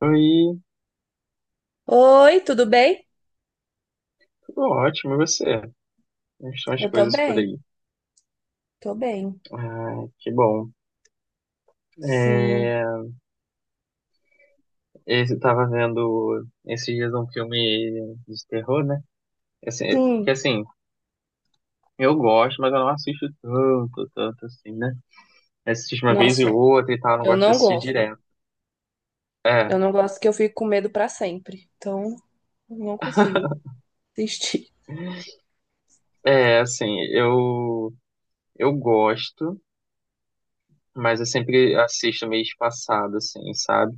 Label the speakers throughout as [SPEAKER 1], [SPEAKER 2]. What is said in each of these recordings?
[SPEAKER 1] Oi,
[SPEAKER 2] Oi, tudo bem?
[SPEAKER 1] tudo ótimo, e você? Como estão as
[SPEAKER 2] Eu tô
[SPEAKER 1] coisas por
[SPEAKER 2] bem,
[SPEAKER 1] aí?
[SPEAKER 2] tô bem.
[SPEAKER 1] Ah, que bom.
[SPEAKER 2] Sim.
[SPEAKER 1] É, eu tava vendo esses dias um filme de terror, né? Assim, é- que
[SPEAKER 2] Sim,
[SPEAKER 1] assim, eu gosto, mas eu não assisto tanto assim, né? Eu assisto uma vez e
[SPEAKER 2] nossa,
[SPEAKER 1] outra e tal, eu não
[SPEAKER 2] eu
[SPEAKER 1] gosto de
[SPEAKER 2] não
[SPEAKER 1] assistir
[SPEAKER 2] gosto.
[SPEAKER 1] direto. É,
[SPEAKER 2] Eu não gosto que eu fico com medo pra sempre. Então, eu não consigo assistir.
[SPEAKER 1] é assim, eu gosto, mas eu sempre assisto meio espaçado, assim, sabe?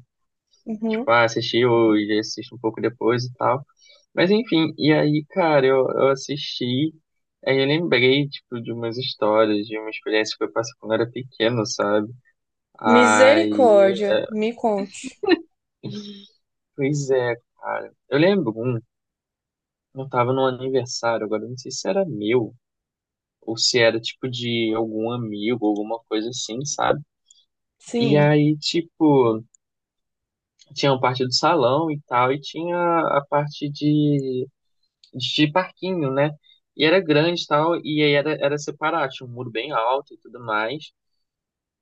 [SPEAKER 2] Uhum.
[SPEAKER 1] Tipo, ah, assisti hoje, assisto um pouco depois e tal. Mas enfim, e aí, cara, eu assisti, aí eu lembrei, tipo, de umas histórias, de uma experiência que eu passei quando eu era pequeno, sabe? Aí,
[SPEAKER 2] Misericórdia, me conte.
[SPEAKER 1] pois é, cara. Eu lembro um, eu tava num aniversário, agora eu não sei se era meu, ou se era, tipo, de algum amigo, alguma coisa assim, sabe? E
[SPEAKER 2] Sim.
[SPEAKER 1] aí, tipo, tinha a parte do salão e tal, e tinha a parte de parquinho, né? E era grande e tal, e aí era, era separado, tinha um muro bem alto e tudo mais.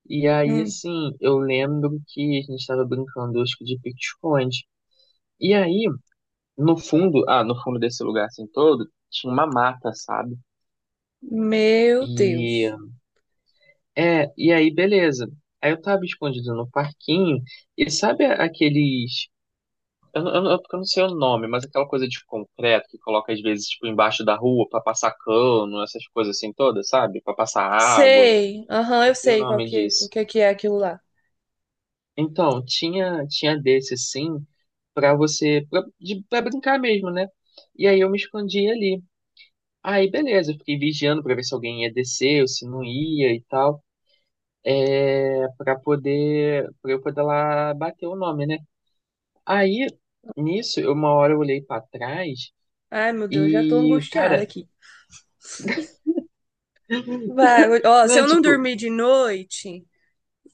[SPEAKER 1] E aí,
[SPEAKER 2] Hum.
[SPEAKER 1] assim, eu lembro que a gente tava brincando, acho que de pique-esconde. E aí, no fundo, ah, no fundo desse lugar assim todo, tinha uma mata, sabe?
[SPEAKER 2] Meu
[SPEAKER 1] E,
[SPEAKER 2] Deus.
[SPEAKER 1] é, e aí, beleza. Aí eu tava escondido no parquinho, e sabe aqueles... Eu não sei o nome, mas aquela coisa de concreto que coloca às vezes tipo embaixo da rua pra passar cano, essas coisas assim todas, sabe? Pra passar água.
[SPEAKER 2] Sei, aham, eu
[SPEAKER 1] Esqueci o
[SPEAKER 2] sei
[SPEAKER 1] nome
[SPEAKER 2] o
[SPEAKER 1] disso.
[SPEAKER 2] que que é aquilo lá.
[SPEAKER 1] Então, tinha desse sim pra você pra brincar mesmo, né? E aí eu me escondi ali. Aí beleza, eu fiquei vigiando pra ver se alguém ia descer ou se não ia e tal. É, para eu poder lá bater o nome, né? Aí nisso, uma hora eu olhei pra trás
[SPEAKER 2] Ai, meu Deus, já tô
[SPEAKER 1] e,
[SPEAKER 2] angustiada
[SPEAKER 1] cara,
[SPEAKER 2] aqui. Vai, ó, se
[SPEAKER 1] né,
[SPEAKER 2] eu não
[SPEAKER 1] tipo,
[SPEAKER 2] dormir de noite,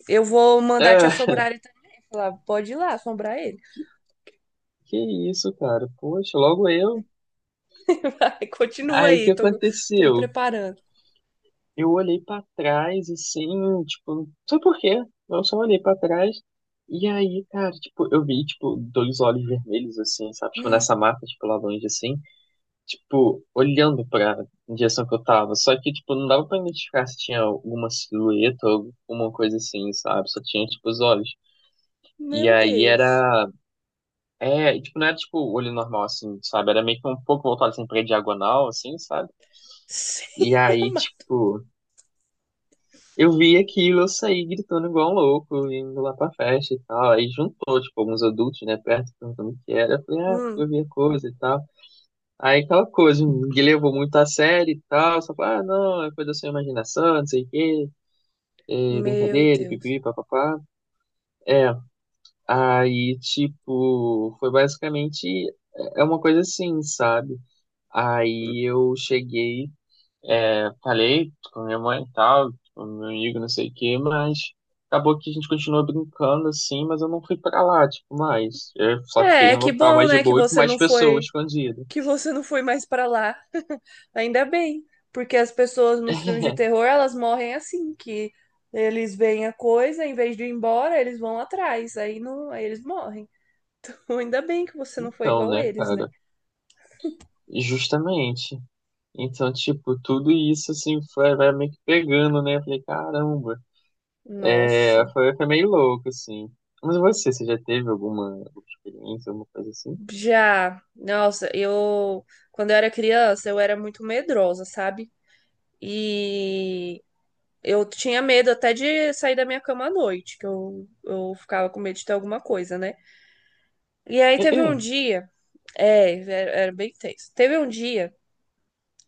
[SPEAKER 2] eu vou mandar te
[SPEAKER 1] ah,
[SPEAKER 2] assombrar ele também. Falar, pode ir lá assombrar ele.
[SPEAKER 1] que isso, cara? Poxa, logo eu.
[SPEAKER 2] Ai,
[SPEAKER 1] Aí o que
[SPEAKER 2] tô me
[SPEAKER 1] aconteceu?
[SPEAKER 2] preparando.
[SPEAKER 1] Eu olhei pra trás, assim, tipo, não sei por quê. Eu só olhei pra trás. E aí, cara, tipo, eu vi, tipo, dois olhos vermelhos, assim, sabe? Tipo, nessa mata, tipo, lá longe, assim. Tipo, olhando pra direção que eu tava. Só que, tipo, não dava pra identificar se tinha alguma silhueta ou alguma coisa assim, sabe? Só tinha, tipo, os olhos. E
[SPEAKER 2] Meu
[SPEAKER 1] aí
[SPEAKER 2] Deus.
[SPEAKER 1] era... É, e, tipo, não era tipo olho normal, assim, sabe? Era meio que um pouco voltado assim pra diagonal, assim, sabe? E
[SPEAKER 2] Senhora
[SPEAKER 1] aí,
[SPEAKER 2] amada.
[SPEAKER 1] tipo, eu vi aquilo, eu saí gritando igual um louco, indo lá pra festa e tal. Aí juntou, tipo, alguns adultos, né, perto, perguntando o que era. Eu falei, ah, porque
[SPEAKER 2] Hum,
[SPEAKER 1] eu vi a coisa e tal. Aí aquela coisa, ninguém levou muito a sério e tal. Só falou, ah, não, é coisa da sua imaginação, não sei o quê, é
[SPEAKER 2] meu
[SPEAKER 1] brincadeira,
[SPEAKER 2] Deus.
[SPEAKER 1] pipi, papapá. É, aí, tipo, foi basicamente. É uma coisa assim, sabe? Aí eu cheguei, é, falei com a minha mãe e tal, com meu amigo, não sei o quê, mas acabou que a gente continuou brincando assim, mas eu não fui pra lá, tipo, mais. Eu só fiquei
[SPEAKER 2] É, é
[SPEAKER 1] em um
[SPEAKER 2] que
[SPEAKER 1] local
[SPEAKER 2] bom,
[SPEAKER 1] mais de
[SPEAKER 2] né, que
[SPEAKER 1] boa e com
[SPEAKER 2] você
[SPEAKER 1] mais pessoas escondidas.
[SPEAKER 2] que você não foi mais pra lá. Ainda bem, porque as pessoas nos filmes de terror, elas morrem assim, que eles veem a coisa, em vez de ir embora, eles vão atrás, aí não, aí eles morrem. Ainda bem que você não foi
[SPEAKER 1] Então,
[SPEAKER 2] igual
[SPEAKER 1] né,
[SPEAKER 2] eles, né?
[SPEAKER 1] cara? Justamente. Então, tipo, tudo isso, assim, foi, vai meio que pegando, né? Eu falei, caramba. É,
[SPEAKER 2] Nossa.
[SPEAKER 1] foi meio louco, assim. Mas você já teve alguma experiência, alguma coisa assim?
[SPEAKER 2] Já, nossa, eu quando eu era criança eu era muito medrosa, sabe? E eu tinha medo até de sair da minha cama à noite, que eu ficava com medo de ter alguma coisa, né? E aí
[SPEAKER 1] É,
[SPEAKER 2] teve
[SPEAKER 1] é.
[SPEAKER 2] um era bem tenso. Teve um dia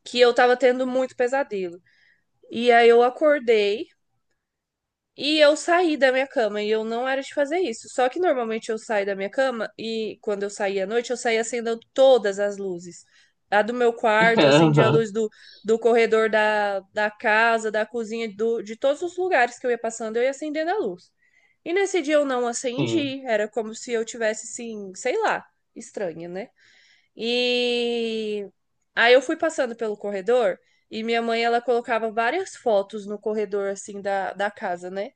[SPEAKER 2] que eu tava tendo muito pesadelo. E aí eu acordei. E eu saí da minha cama e eu não era de fazer isso. Só que normalmente eu saio da minha cama e quando eu saía à noite, eu saía acendendo todas as luzes. A do meu quarto, eu acendia a
[SPEAKER 1] Aham.
[SPEAKER 2] luz do corredor da casa, da cozinha, do, de todos os lugares que eu ia passando, eu ia acendendo a luz. E nesse dia eu não
[SPEAKER 1] Sim.
[SPEAKER 2] acendi, era como se eu tivesse, assim, sei lá, estranha, né? E aí eu fui passando pelo corredor e minha mãe, ela colocava várias fotos no corredor, assim, da casa, né?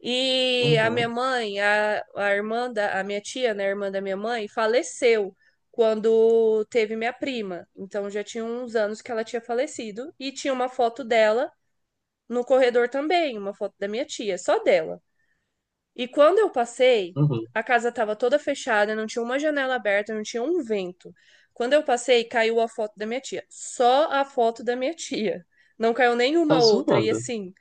[SPEAKER 2] E a minha
[SPEAKER 1] Uhum.
[SPEAKER 2] mãe, a irmã da a minha tia, né, a irmã da minha mãe, faleceu quando teve minha prima. Então já tinha uns anos que ela tinha falecido e tinha uma foto dela no corredor também, uma foto da minha tia, só dela. E quando eu passei,
[SPEAKER 1] Uhum.
[SPEAKER 2] a casa estava toda fechada, não tinha uma janela aberta, não tinha um vento. Quando eu passei, caiu a foto da minha tia, só a foto da minha tia. Não caiu nenhuma
[SPEAKER 1] Tá
[SPEAKER 2] outra. E
[SPEAKER 1] zoando.
[SPEAKER 2] assim,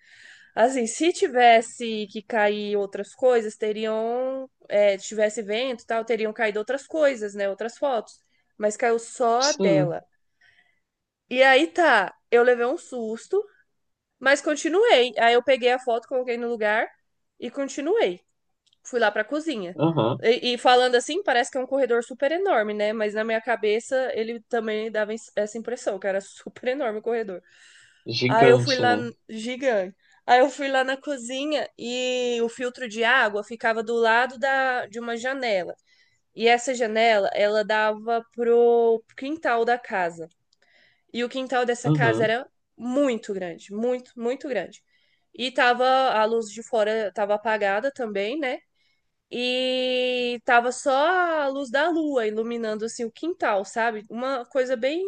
[SPEAKER 2] assim, se tivesse que cair outras coisas, teriam, é, tivesse vento e tal, teriam caído outras coisas, né? Outras fotos. Mas caiu só a
[SPEAKER 1] Sim.
[SPEAKER 2] dela. E aí tá, eu levei um susto, mas continuei. Aí eu peguei a foto, coloquei no lugar e continuei. Fui lá pra cozinha.
[SPEAKER 1] Aham.
[SPEAKER 2] E falando assim, parece que é um corredor super enorme, né? Mas na minha cabeça ele também dava essa impressão, que era super enorme o corredor. Aí eu fui
[SPEAKER 1] Gigante,
[SPEAKER 2] lá,
[SPEAKER 1] né?
[SPEAKER 2] n- gigante. Aí eu fui lá na cozinha e o filtro de água ficava do lado de uma janela. E essa janela, ela dava pro quintal da casa. E o quintal dessa casa
[SPEAKER 1] Uhum.
[SPEAKER 2] era muito grande, muito, muito grande. E tava a luz de fora tava apagada também, né? E tava só a luz da lua iluminando assim o quintal, sabe? Uma coisa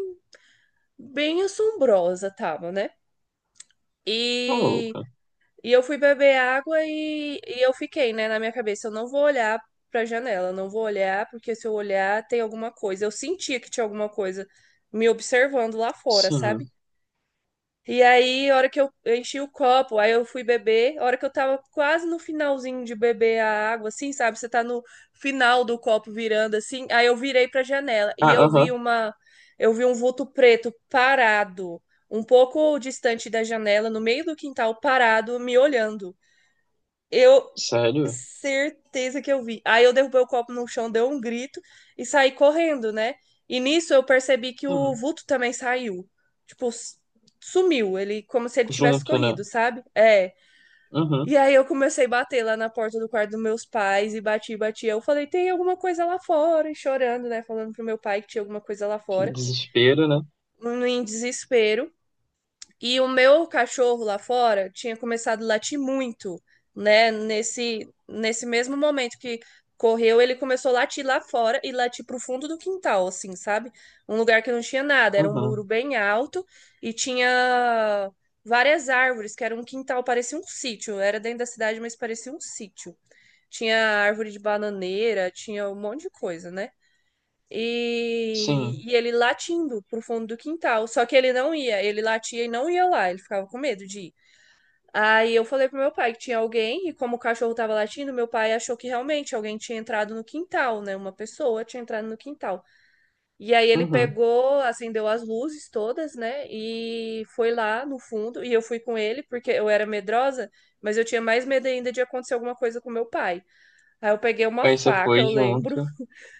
[SPEAKER 2] bem assombrosa tava, né?
[SPEAKER 1] Tá
[SPEAKER 2] E.
[SPEAKER 1] louca.
[SPEAKER 2] E eu fui beber água e eu fiquei, né, na minha cabeça, eu não vou olhar pra janela, eu não vou olhar, porque se eu olhar tem alguma coisa. Eu sentia que tinha alguma coisa me observando lá fora, sabe?
[SPEAKER 1] Sim.
[SPEAKER 2] E aí, a hora que eu enchi o copo, aí eu fui beber, a hora que eu tava quase no finalzinho de beber a água, assim, sabe? Você tá no final do copo virando assim, aí eu virei pra janela e
[SPEAKER 1] Ah,
[SPEAKER 2] eu
[SPEAKER 1] aham.
[SPEAKER 2] eu vi um vulto preto parado, um pouco distante da janela, no meio do quintal, parado, me olhando. Eu
[SPEAKER 1] Sério?
[SPEAKER 2] certeza que eu vi. Aí eu derrubei o copo no chão, deu um grito e saí correndo, né? E nisso eu percebi que o
[SPEAKER 1] Uhum.
[SPEAKER 2] vulto também saiu. Tipo, s- Sumiu, ele como se ele tivesse
[SPEAKER 1] Junto, né?
[SPEAKER 2] corrido, sabe? É.
[SPEAKER 1] Uhum.
[SPEAKER 2] E aí eu comecei a bater lá na porta do quarto dos meus pais e bati, bati. Eu falei, tem alguma coisa lá fora, e chorando, né? Falando pro meu pai que tinha alguma coisa lá
[SPEAKER 1] Que
[SPEAKER 2] fora.
[SPEAKER 1] desespero, né?
[SPEAKER 2] Em desespero. E o meu cachorro lá fora tinha começado a latir muito, né? Nesse mesmo momento que correu, ele começou a latir lá fora e latir pro fundo do quintal, assim, sabe? Um lugar que não tinha nada, era um muro
[SPEAKER 1] Uhum.
[SPEAKER 2] bem alto e tinha várias árvores, que era um quintal, parecia um sítio. Era dentro da cidade, mas parecia um sítio. Tinha árvore de bananeira, tinha um monte de coisa, né?
[SPEAKER 1] Sim.
[SPEAKER 2] E ele latindo pro fundo do quintal. Só que ele não ia, ele latia e não ia lá, ele ficava com medo de ir. Aí eu falei pro meu pai que tinha alguém, e como o cachorro tava latindo, meu pai achou que realmente alguém tinha entrado no quintal, né? Uma pessoa tinha entrado no quintal. E aí ele
[SPEAKER 1] Uhum.
[SPEAKER 2] pegou, acendeu as luzes todas, né? E foi lá no fundo, e eu fui com ele, porque eu era medrosa, mas eu tinha mais medo ainda de acontecer alguma coisa com meu pai. Aí eu peguei uma
[SPEAKER 1] Aí você
[SPEAKER 2] faca,
[SPEAKER 1] foi
[SPEAKER 2] eu lembro.
[SPEAKER 1] junto.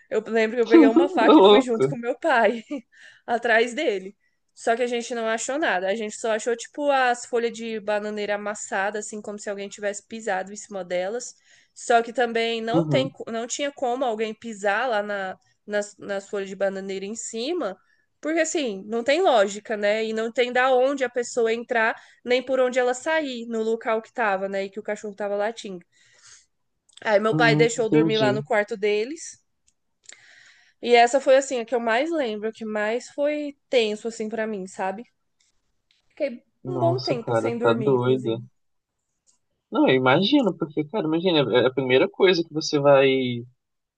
[SPEAKER 2] Eu lembro que eu peguei uma
[SPEAKER 1] Tá
[SPEAKER 2] faca e fui junto
[SPEAKER 1] louco.
[SPEAKER 2] com meu pai, atrás dele. Só que a gente não achou nada. A gente só achou, tipo, as folhas de bananeira amassadas, assim, como se alguém tivesse pisado em cima delas. Só que também não
[SPEAKER 1] Uhum.
[SPEAKER 2] não tinha como alguém pisar lá nas folhas de bananeira em cima, porque, assim, não tem lógica, né? E não tem da onde a pessoa entrar, nem por onde ela sair no local que tava, né? E que o cachorro tava latindo. Aí meu pai deixou eu dormir lá
[SPEAKER 1] Entendi.
[SPEAKER 2] no quarto deles. E essa foi assim a que eu mais lembro, a que mais foi tenso assim pra mim, sabe? Fiquei um bom
[SPEAKER 1] Nossa,
[SPEAKER 2] tempo
[SPEAKER 1] cara,
[SPEAKER 2] sem
[SPEAKER 1] tá
[SPEAKER 2] dormir,
[SPEAKER 1] doida.
[SPEAKER 2] inclusive.
[SPEAKER 1] Não, eu imagino, porque, cara, imagina, é a primeira coisa que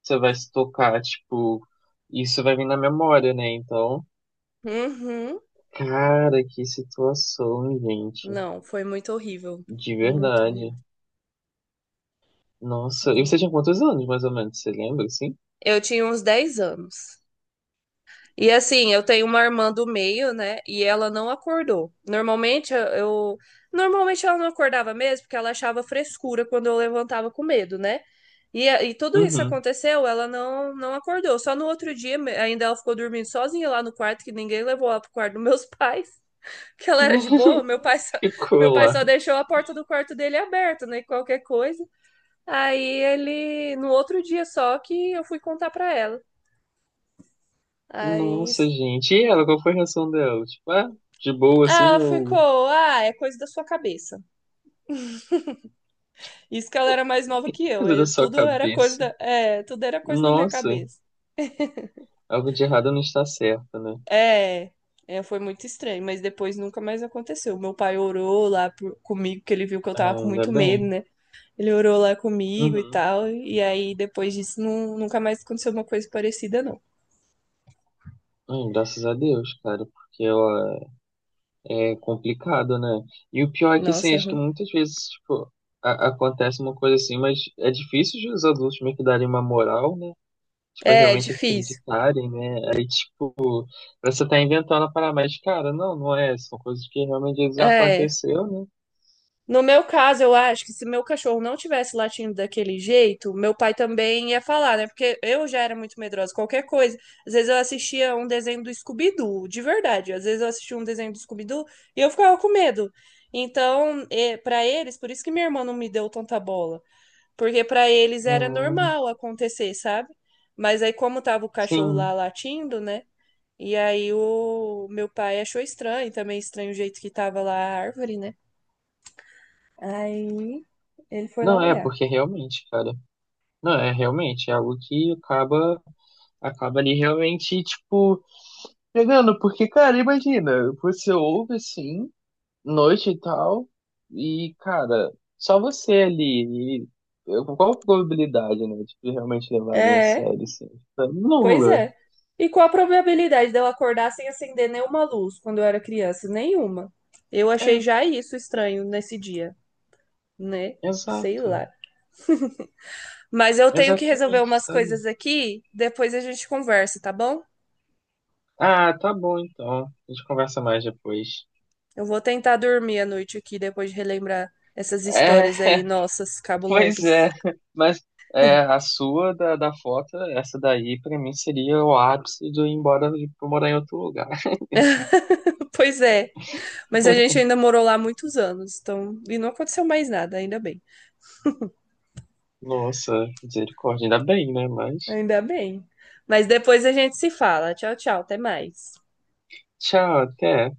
[SPEAKER 1] você vai se tocar, tipo, isso vai vir na memória, né? Então,
[SPEAKER 2] Uhum.
[SPEAKER 1] cara, que situação, gente.
[SPEAKER 2] Não, foi muito horrível.
[SPEAKER 1] De
[SPEAKER 2] Muito
[SPEAKER 1] verdade.
[SPEAKER 2] horrível.
[SPEAKER 1] Nossa, e você tinha quantos anos, mais ou menos? Você lembra, assim?
[SPEAKER 2] Eu tinha uns 10 anos. E assim, eu tenho uma irmã do meio, né? E ela não acordou. Normalmente ela não acordava mesmo, porque ela achava frescura quando eu levantava com medo, né? E, a- e tudo isso
[SPEAKER 1] Uhum.
[SPEAKER 2] aconteceu, ela não acordou. Só no outro dia me- ainda ela ficou dormindo sozinha lá no quarto, que ninguém levou ela pro quarto dos meus pais, que ela era de boa.
[SPEAKER 1] Ficou
[SPEAKER 2] Meu pai
[SPEAKER 1] lá.
[SPEAKER 2] só deixou a porta do quarto dele aberta, né? Qualquer coisa. Aí ele no outro dia só que eu fui contar pra ela. Aí,
[SPEAKER 1] Nossa, gente. E ela, qual foi a reação dela? Tipo, ah, de boa, assim,
[SPEAKER 2] ah,
[SPEAKER 1] ou
[SPEAKER 2] ficou. Ah, é coisa da sua cabeça. Isso que ela era mais nova que eu.
[SPEAKER 1] coisa da sua
[SPEAKER 2] Tudo era coisa
[SPEAKER 1] cabeça?
[SPEAKER 2] tudo era coisa na minha
[SPEAKER 1] Nossa,
[SPEAKER 2] cabeça.
[SPEAKER 1] algo de errado não está certo, né?
[SPEAKER 2] É, é, foi muito estranho, mas depois nunca mais aconteceu. Meu pai orou lá por- comigo, porque ele viu que eu tava
[SPEAKER 1] Ah,
[SPEAKER 2] com
[SPEAKER 1] ainda
[SPEAKER 2] muito medo,
[SPEAKER 1] bem.
[SPEAKER 2] né? Ele orou lá comigo e
[SPEAKER 1] Uhum.
[SPEAKER 2] tal. E aí, depois disso, nunca mais aconteceu uma coisa parecida, não.
[SPEAKER 1] Ai, graças a Deus, cara, porque ela... É complicado, né? E o pior é que, assim,
[SPEAKER 2] Nossa, é
[SPEAKER 1] acho que
[SPEAKER 2] ruim.
[SPEAKER 1] muitas vezes, tipo, acontece uma coisa assim, mas é difícil de os adultos meio que darem uma moral, né? Tipo, é
[SPEAKER 2] É, é
[SPEAKER 1] realmente
[SPEAKER 2] difícil.
[SPEAKER 1] acreditarem, né? Aí, tipo, você tá inventando a parada, mas, cara, não, não é. São coisas que realmente já
[SPEAKER 2] É.
[SPEAKER 1] aconteceu, né?
[SPEAKER 2] No meu caso, eu acho que se meu cachorro não tivesse latindo daquele jeito, meu pai também ia falar, né? Porque eu já era muito medrosa, qualquer coisa. Às vezes eu assistia um desenho do Scooby-Doo, de verdade. Às vezes eu assistia um desenho do Scooby-Doo e eu ficava com medo. Então, pra eles, por isso que minha irmã não me deu tanta bola, porque pra eles era
[SPEAKER 1] Hum,
[SPEAKER 2] normal acontecer, sabe? Mas aí como tava o cachorro lá
[SPEAKER 1] sim.
[SPEAKER 2] latindo, né? E aí o meu pai achou estranho, também estranho o jeito que tava lá a árvore, né? Aí ele foi lá
[SPEAKER 1] Não é,
[SPEAKER 2] olhar.
[SPEAKER 1] porque realmente, cara. Não, é realmente, é algo que acaba, acaba ali realmente, tipo, pegando, porque, cara, imagina, você ouve assim... noite e tal. E, cara, só você ali. E qual a probabilidade, né, de que realmente levarem a
[SPEAKER 2] É,
[SPEAKER 1] sério, assim? Tipo,
[SPEAKER 2] pois
[SPEAKER 1] nula.
[SPEAKER 2] é. E qual a probabilidade dela acordar sem acender nenhuma luz quando eu era criança? Nenhuma. Eu achei
[SPEAKER 1] É,
[SPEAKER 2] já isso estranho nesse dia, né? Sei
[SPEAKER 1] exato.
[SPEAKER 2] lá. Mas eu tenho que resolver
[SPEAKER 1] Exatamente,
[SPEAKER 2] umas
[SPEAKER 1] sabe?
[SPEAKER 2] coisas aqui, depois a gente conversa, tá bom?
[SPEAKER 1] Ah, tá bom então. A gente conversa mais depois.
[SPEAKER 2] Eu vou tentar dormir à noite aqui depois de relembrar essas
[SPEAKER 1] É,
[SPEAKER 2] histórias aí, nossas,
[SPEAKER 1] pois
[SPEAKER 2] cabulosas.
[SPEAKER 1] é. Mas é, a sua da foto, essa daí, pra mim seria o ápice de eu ir embora pra morar em outro lugar.
[SPEAKER 2] Pois é. Mas a gente ainda morou lá muitos anos, então, e não aconteceu mais nada, ainda bem.
[SPEAKER 1] Nossa, misericórdia. Ainda bem, né? Mas...
[SPEAKER 2] Ainda bem. Mas depois a gente se fala. Tchau, tchau. Até mais.
[SPEAKER 1] Tchau, até.